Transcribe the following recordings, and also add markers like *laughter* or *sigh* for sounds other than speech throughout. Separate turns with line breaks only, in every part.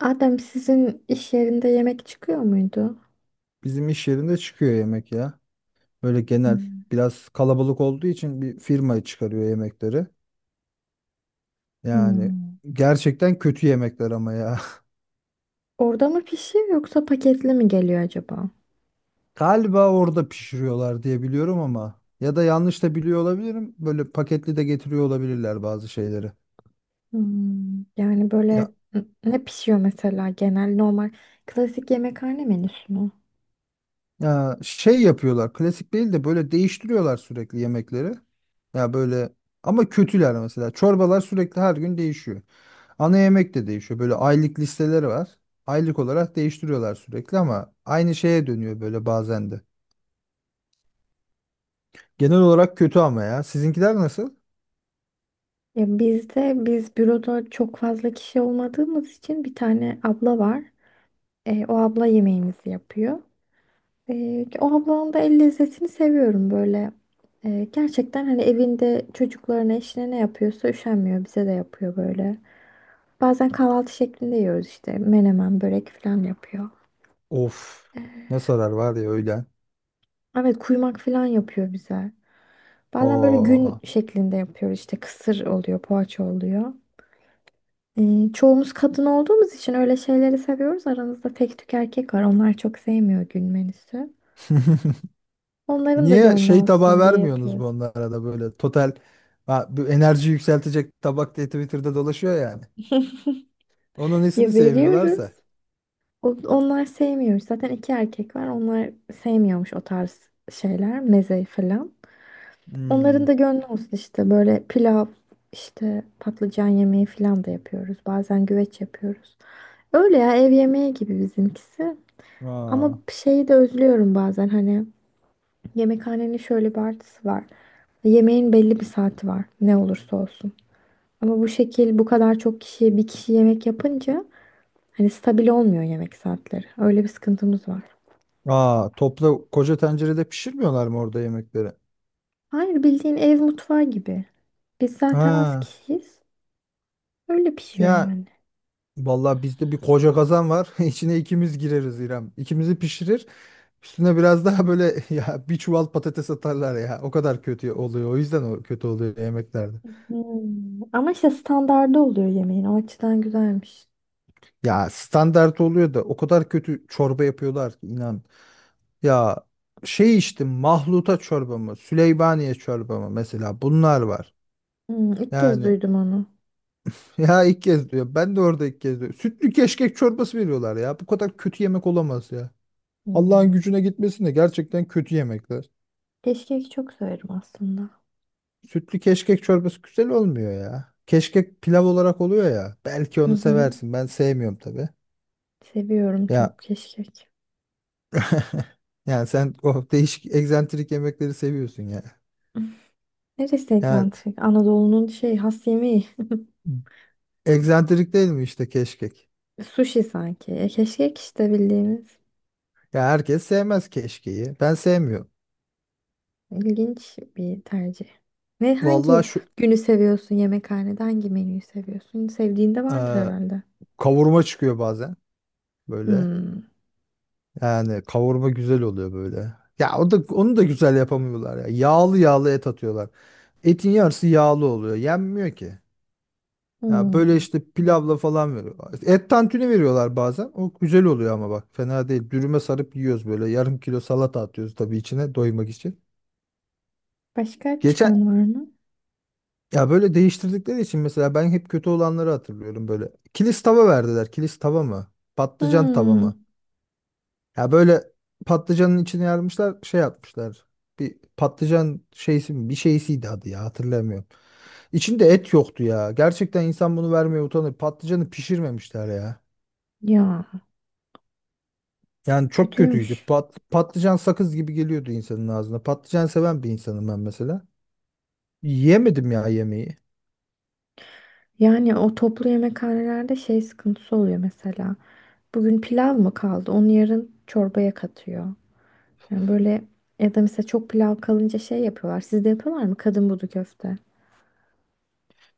Adem sizin iş yerinde yemek çıkıyor muydu?
Bizim iş yerinde çıkıyor yemek ya. Böyle genel
Hmm.
biraz kalabalık olduğu için bir firma çıkarıyor yemekleri. Yani
Hmm.
gerçekten kötü yemekler ama ya.
Orada mı pişiyor yoksa paketli mi geliyor acaba?
*laughs* Galiba orada pişiriyorlar diye biliyorum ama ya da yanlış da biliyor olabilirim. Böyle paketli de getiriyor olabilirler bazı şeyleri.
Hmm. Yani
Ya,
böyle ne pişiyor mesela genel normal klasik yemekhane menüsü mü?
ya, şey yapıyorlar. Klasik değil de böyle değiştiriyorlar sürekli yemekleri. Ya böyle ama kötüler mesela. Çorbalar sürekli her gün değişiyor. Ana yemek de değişiyor. Böyle aylık listeleri var. Aylık olarak değiştiriyorlar sürekli ama aynı şeye dönüyor böyle bazen de. Genel olarak kötü ama ya. Sizinkiler nasıl?
Ya bizde biz büroda çok fazla kişi olmadığımız için bir tane abla var. O abla yemeğimizi yapıyor. O ablanın da el lezzetini seviyorum böyle. Gerçekten hani evinde çocuklarına eşine ne yapıyorsa üşenmiyor bize de yapıyor böyle. Bazen kahvaltı şeklinde yiyoruz işte. Menemen, börek falan yapıyor.
Of. Ne sarar var ya öğlen.
Evet, kuymak falan yapıyor bize. Bazen böyle
Oo.
gün şeklinde yapıyoruz işte. Kısır oluyor, poğaça oluyor. Çoğumuz kadın olduğumuz için öyle şeyleri seviyoruz. Aramızda tek tük erkek var. Onlar çok sevmiyor gün menüsü.
*laughs*
Onların da
Niye
gönlü
şey tabağı
olsun diye
vermiyorsunuz bu
yapıyoruz.
onlara da böyle total ha, bu enerji yükseltecek tabak diye Twitter'da dolaşıyor yani.
*laughs*
Onun nesini
Ya veriyoruz.
sevmiyorlarsa.
Onlar sevmiyormuş. Zaten iki erkek var. Onlar sevmiyormuş o tarz şeyler, meze falan. Onların da
Hmm.
gönlü olsun işte böyle pilav işte patlıcan yemeği falan da yapıyoruz. Bazen güveç yapıyoruz. Öyle ya, ev yemeği gibi bizimkisi. Ama
Aa.
şeyi de özlüyorum bazen hani yemekhanenin şöyle bir artısı var. Yemeğin belli bir saati var ne olursa olsun. Ama bu şekil bu kadar çok kişiye bir kişi yemek yapınca hani stabil olmuyor yemek saatleri. Öyle bir sıkıntımız var.
Aa, topla koca tencerede pişirmiyorlar mı orada yemekleri?
Hayır, bildiğin ev mutfağı gibi. Biz zaten az
Ha.
kişiyiz. Öyle pişiyor
Ya
yani.
vallahi bizde bir koca kazan var. *laughs* İçine ikimiz gireriz İrem. İkimizi pişirir. Üstüne biraz daha böyle *laughs* ya bir çuval patates atarlar ya. O kadar kötü oluyor. O yüzden o kötü oluyor yemeklerde.
Hmm. Ama işte standardı oluyor yemeğin. O açıdan güzelmiş.
Ya standart oluyor da o kadar kötü çorba yapıyorlar ki inan. Ya şey içtim, mahluta çorba mı? Süleymaniye çorba mı? Mesela bunlar var.
Hmm, ilk kez
Yani
duydum onu.
*laughs* ya ilk kez diyor. Ben de orada ilk kez diyor. Sütlü keşkek çorbası veriyorlar ya. Bu kadar kötü yemek olamaz ya. Allah'ın
Hmm.
gücüne gitmesin de gerçekten kötü yemekler.
Keşkek çok severim aslında.
Sütlü keşkek çorbası güzel olmuyor ya. Keşkek pilav olarak oluyor ya. Belki
Hı
onu
hı.
seversin. Ben sevmiyorum tabii.
Seviyorum
Ya
çok keşkek.
*laughs* yani sen o değişik egzantrik yemekleri seviyorsun ya.
*laughs* Neresi
Yani
egzantrik? Anadolu'nun şey has yemeği.
egzantrik değil mi işte keşkek?
Sushi sanki. E, keşkek işte bildiğimiz.
Ya herkes sevmez keşkeği. Ben sevmiyorum.
İlginç bir tercih. Ne hangi
Vallahi şu
günü seviyorsun yemekhanede? Hangi menüyü seviyorsun? Sevdiğin de
e,
vardır herhalde.
kavurma çıkıyor bazen böyle.
Hmm.
Yani kavurma güzel oluyor böyle. Ya o da onu da güzel yapamıyorlar ya. Yağlı yağlı et atıyorlar. Etin yarısı yağlı oluyor. Yenmiyor ki. Ya böyle
Hmm.
işte pilavla falan veriyorlar. İşte et tantuni veriyorlar bazen. O güzel oluyor ama bak fena değil. Dürüme sarıp yiyoruz böyle. Yarım kilo salata atıyoruz tabii içine doymak için.
Başka
Geçen
çıkan var mı?
ya böyle değiştirdikleri için mesela ben hep kötü olanları hatırlıyorum böyle. Kilis tava verdiler. Kilis tava mı? Patlıcan tava
Hmm.
mı? Ya böyle patlıcanın içine yarmışlar, şey yapmışlar. Bir patlıcan şeysi mi? Bir şeysiydi adı ya, hatırlamıyorum. İçinde et yoktu ya. Gerçekten insan bunu vermeye utanır. Patlıcanı pişirmemişler ya.
Ya.
Yani çok kötüydü.
Kötüymüş.
Patlıcan sakız gibi geliyordu insanın ağzına. Patlıcan seven bir insanım ben mesela. Yiyemedim ya yemeği.
Yani o toplu yemekhanelerde şey sıkıntısı oluyor mesela. Bugün pilav mı kaldı? Onu yarın çorbaya katıyor. Yani böyle, ya da mesela çok pilav kalınca şey yapıyorlar. Sizde yapıyorlar mı? Kadın budu köfte.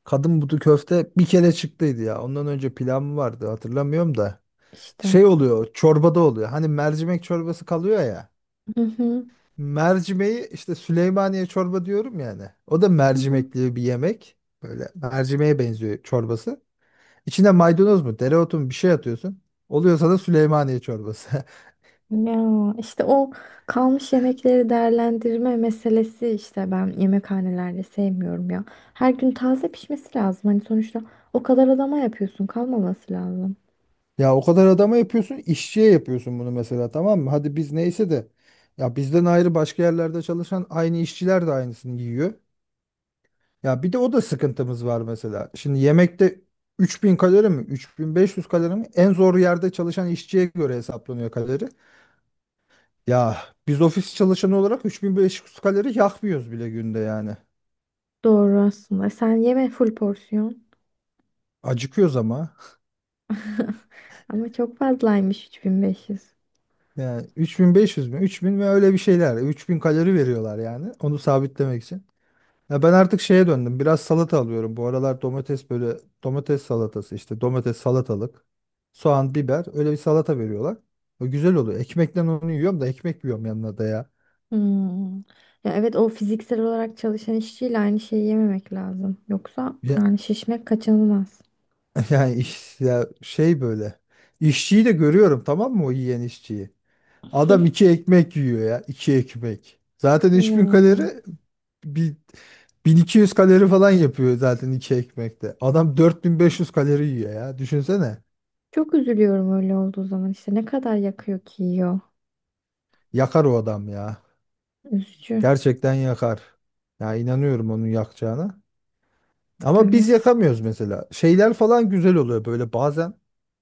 Kadın budu köfte bir kere çıktıydı ya. Ondan önce pilav mı vardı hatırlamıyorum da.
İşte.
Şey oluyor, çorbada oluyor. Hani mercimek çorbası kalıyor ya.
Hı hı.
Mercimeği işte Süleymaniye çorba diyorum yani. O da
Hı hı.
mercimekli bir yemek. Böyle mercimeğe benziyor çorbası. İçine maydanoz mu, dereotu mu bir şey atıyorsun. Oluyorsa da Süleymaniye çorbası. *laughs*
Ya işte o kalmış yemekleri değerlendirme meselesi işte ben yemekhanelerde sevmiyorum ya. Her gün taze pişmesi lazım. Hani sonuçta o kadar adama yapıyorsun, kalmaması lazım.
Ya o kadar adama yapıyorsun, işçiye yapıyorsun bunu mesela, tamam mı? Hadi biz neyse de ya bizden ayrı başka yerlerde çalışan aynı işçiler de aynısını yiyor. Ya bir de o da sıkıntımız var mesela. Şimdi yemekte 3000 kalori mi, 3500 kalori mi? En zor yerde çalışan işçiye göre hesaplanıyor kalori. Ya biz ofis çalışanı olarak 3500 kalori yakmıyoruz bile günde yani.
Doğru aslında. Sen yeme full porsiyon.
Acıkıyoruz ama.
*laughs* Ama çok fazlaymış 3500.
Yani 3500 mü, 3000 mi öyle bir şeyler. 3000 kalori veriyorlar yani. Onu sabitlemek için. Ya ben artık şeye döndüm. Biraz salata alıyorum. Bu aralar domates böyle, domates salatası işte domates salatalık, soğan, biber, öyle bir salata veriyorlar. O güzel oluyor. Ekmekle onu yiyorum da ekmek yiyorum yanına da ya.
Hmm. Ya evet, o fiziksel olarak çalışan işçiyle aynı şeyi yememek lazım. Yoksa
Ya,
yani şişmek kaçınılmaz.
*laughs* yani iş, ya şey böyle. İşçiyi de görüyorum tamam mı, o yiyen işçiyi. Adam iki ekmek yiyor ya. İki ekmek. Zaten
Ya.
3000 kalori bir 1200 kalori falan yapıyor zaten iki ekmekte. Adam 4500 kalori yiyor ya. Düşünsene.
Çok üzülüyorum öyle olduğu zaman. İşte ne kadar yakıyor ki yiyor.
Yakar o adam ya.
Üzücü.
Gerçekten yakar. Ya inanıyorum onun yakacağına. Ama biz
Evet.
yakamıyoruz mesela. Şeyler falan güzel oluyor böyle bazen.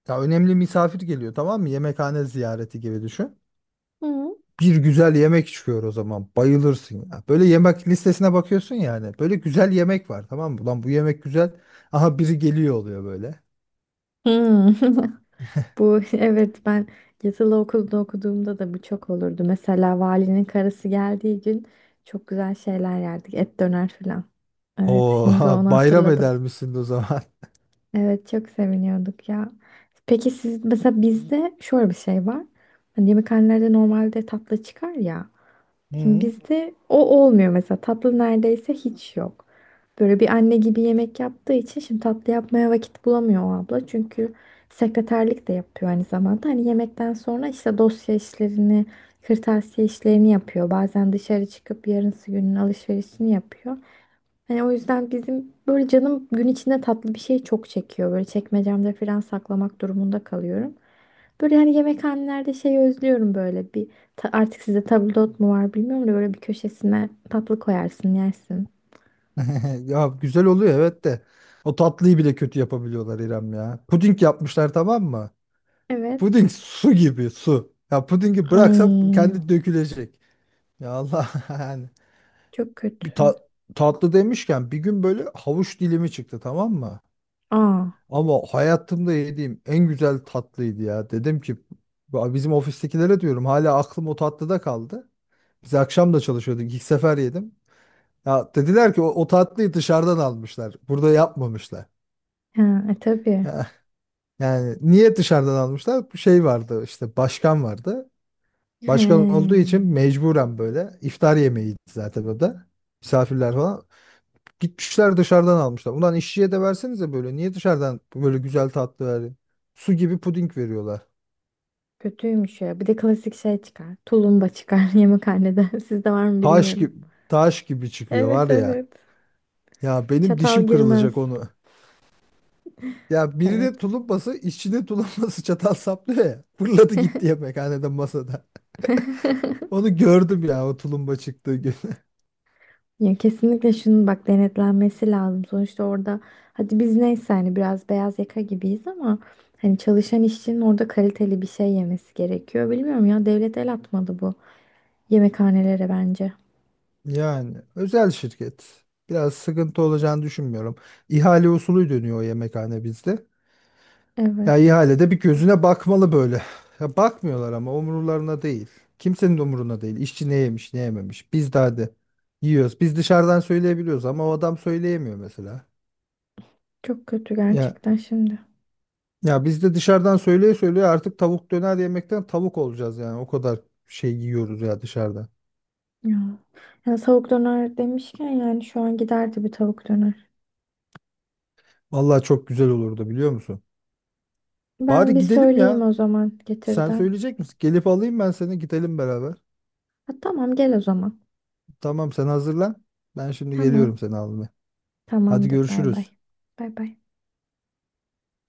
Ya önemli misafir geliyor, tamam mı? Yemekhane ziyareti gibi düşün.
Hmm.
Bir güzel yemek çıkıyor o zaman. Bayılırsın ya. Böyle yemek listesine bakıyorsun yani. Böyle güzel yemek var, tamam mı? Ulan bu yemek güzel. Aha biri geliyor oluyor böyle.
Hmm. *laughs* Bu *laughs* evet, ben yatılı okulda okuduğumda da bu çok olurdu. Mesela valinin karısı geldiği gün çok güzel şeyler yerdik. Et döner falan. Evet,
Oo,
şimdi
*laughs*
onu
bayram
hatırladım.
eder misin o zaman?
Evet, çok seviniyorduk ya. Peki siz mesela, bizde şöyle bir şey var. Hani yemekhanelerde normalde tatlı çıkar ya.
Hı.
Şimdi
*laughs*
bizde o olmuyor mesela. Tatlı neredeyse hiç yok. Böyle bir anne gibi yemek yaptığı için şimdi tatlı yapmaya vakit bulamıyor o abla. Çünkü sekreterlik de yapıyor aynı zamanda. Hani yemekten sonra işte dosya işlerini, kırtasiye işlerini yapıyor. Bazen dışarı çıkıp yarınsı günün alışverişini yapıyor. Hani o yüzden bizim böyle canım gün içinde tatlı bir şey çok çekiyor. Böyle çekmecemde falan saklamak durumunda kalıyorum. Böyle hani yemekhanelerde şey özlüyorum, böyle bir artık sizde tabldot mu var bilmiyorum da böyle bir köşesine tatlı koyarsın, yersin.
Ya güzel oluyor evet de. O tatlıyı bile kötü yapabiliyorlar İrem ya. Puding yapmışlar, tamam mı?
Evet.
Puding su gibi su. Ya pudingi bıraksam
Ay,
kendi dökülecek. Ya Allah *laughs* yani.
çok
Bir
kötü.
ta- Tatlı demişken bir gün böyle havuç dilimi çıktı, tamam mı?
Aa.
Ama hayatımda yediğim en güzel tatlıydı ya. Dedim ki "Ya bizim ofistekilere diyorum, hala aklım o tatlıda kaldı. Biz akşam da çalışıyorduk. İlk sefer yedim. Ya dediler ki o tatlıyı dışarıdan almışlar. Burada yapmamışlar.
Ha, e, tabii.
*laughs* Yani niye dışarıdan almışlar? Bir şey vardı işte, başkan vardı.
He,
Başkan olduğu için mecburen böyle iftar yemeğiydi zaten o da. Misafirler falan. Gitmişler dışarıdan almışlar. Ulan işçiye de versenize böyle. Niye dışarıdan böyle güzel tatlı verin? Su gibi puding veriyorlar.
kötüymüş ya. Bir de klasik şey çıkar. Tulumba çıkar *laughs* yemekhanede. Sizde var mı
Taş
bilmiyorum.
gibi, taş gibi çıkıyor
Evet,
var ya.
evet.
Ya benim
Çatal
dişim
girmez.
kırılacak onu. Ya birine
Evet.
tulumbası, işçinin tulumbası *laughs* çatal saplıyor ya. Fırladı gitti yemekhanede masada. Onu gördüm ya o tulumba çıktığı gün.
Ya kesinlikle şunun bak denetlenmesi lazım. Sonuçta orada hadi biz neyse, hani biraz beyaz yaka gibiyiz ama hani çalışan işçinin orada kaliteli bir şey yemesi gerekiyor. Bilmiyorum, ya devlet el atmadı bu yemekhanelere bence.
Yani özel şirket. Biraz sıkıntı olacağını düşünmüyorum. İhale usulü dönüyor o yemekhane bizde. Ya
Evet.
ihalede bir gözüne bakmalı böyle. Ya bakmıyorlar ama umurlarına değil. Kimsenin de umuruna değil. İşçi ne yemiş, ne yememiş. Biz de hadi yiyoruz. Biz dışarıdan söyleyebiliyoruz ama o adam söyleyemiyor mesela.
Çok kötü
Ya
gerçekten şimdi.
ya, biz de dışarıdan söyleye söyleye artık tavuk döner yemekten tavuk olacağız yani. O kadar şey yiyoruz ya dışarıda.
Ya. Ya, tavuk döner demişken yani şu an giderdi bir tavuk döner.
Vallahi çok güzel olurdu biliyor musun?
Ben
Bari
bir
gidelim
söyleyeyim
ya.
o zaman
Sen
getirden.
söyleyecek misin? Gelip alayım ben seni, gidelim beraber.
Ha, tamam, gel o zaman.
Tamam sen hazırlan. Ben şimdi geliyorum
Tamam.
seni almaya. Hadi
Tamamdır, bay bay.
görüşürüz.
Bay bay.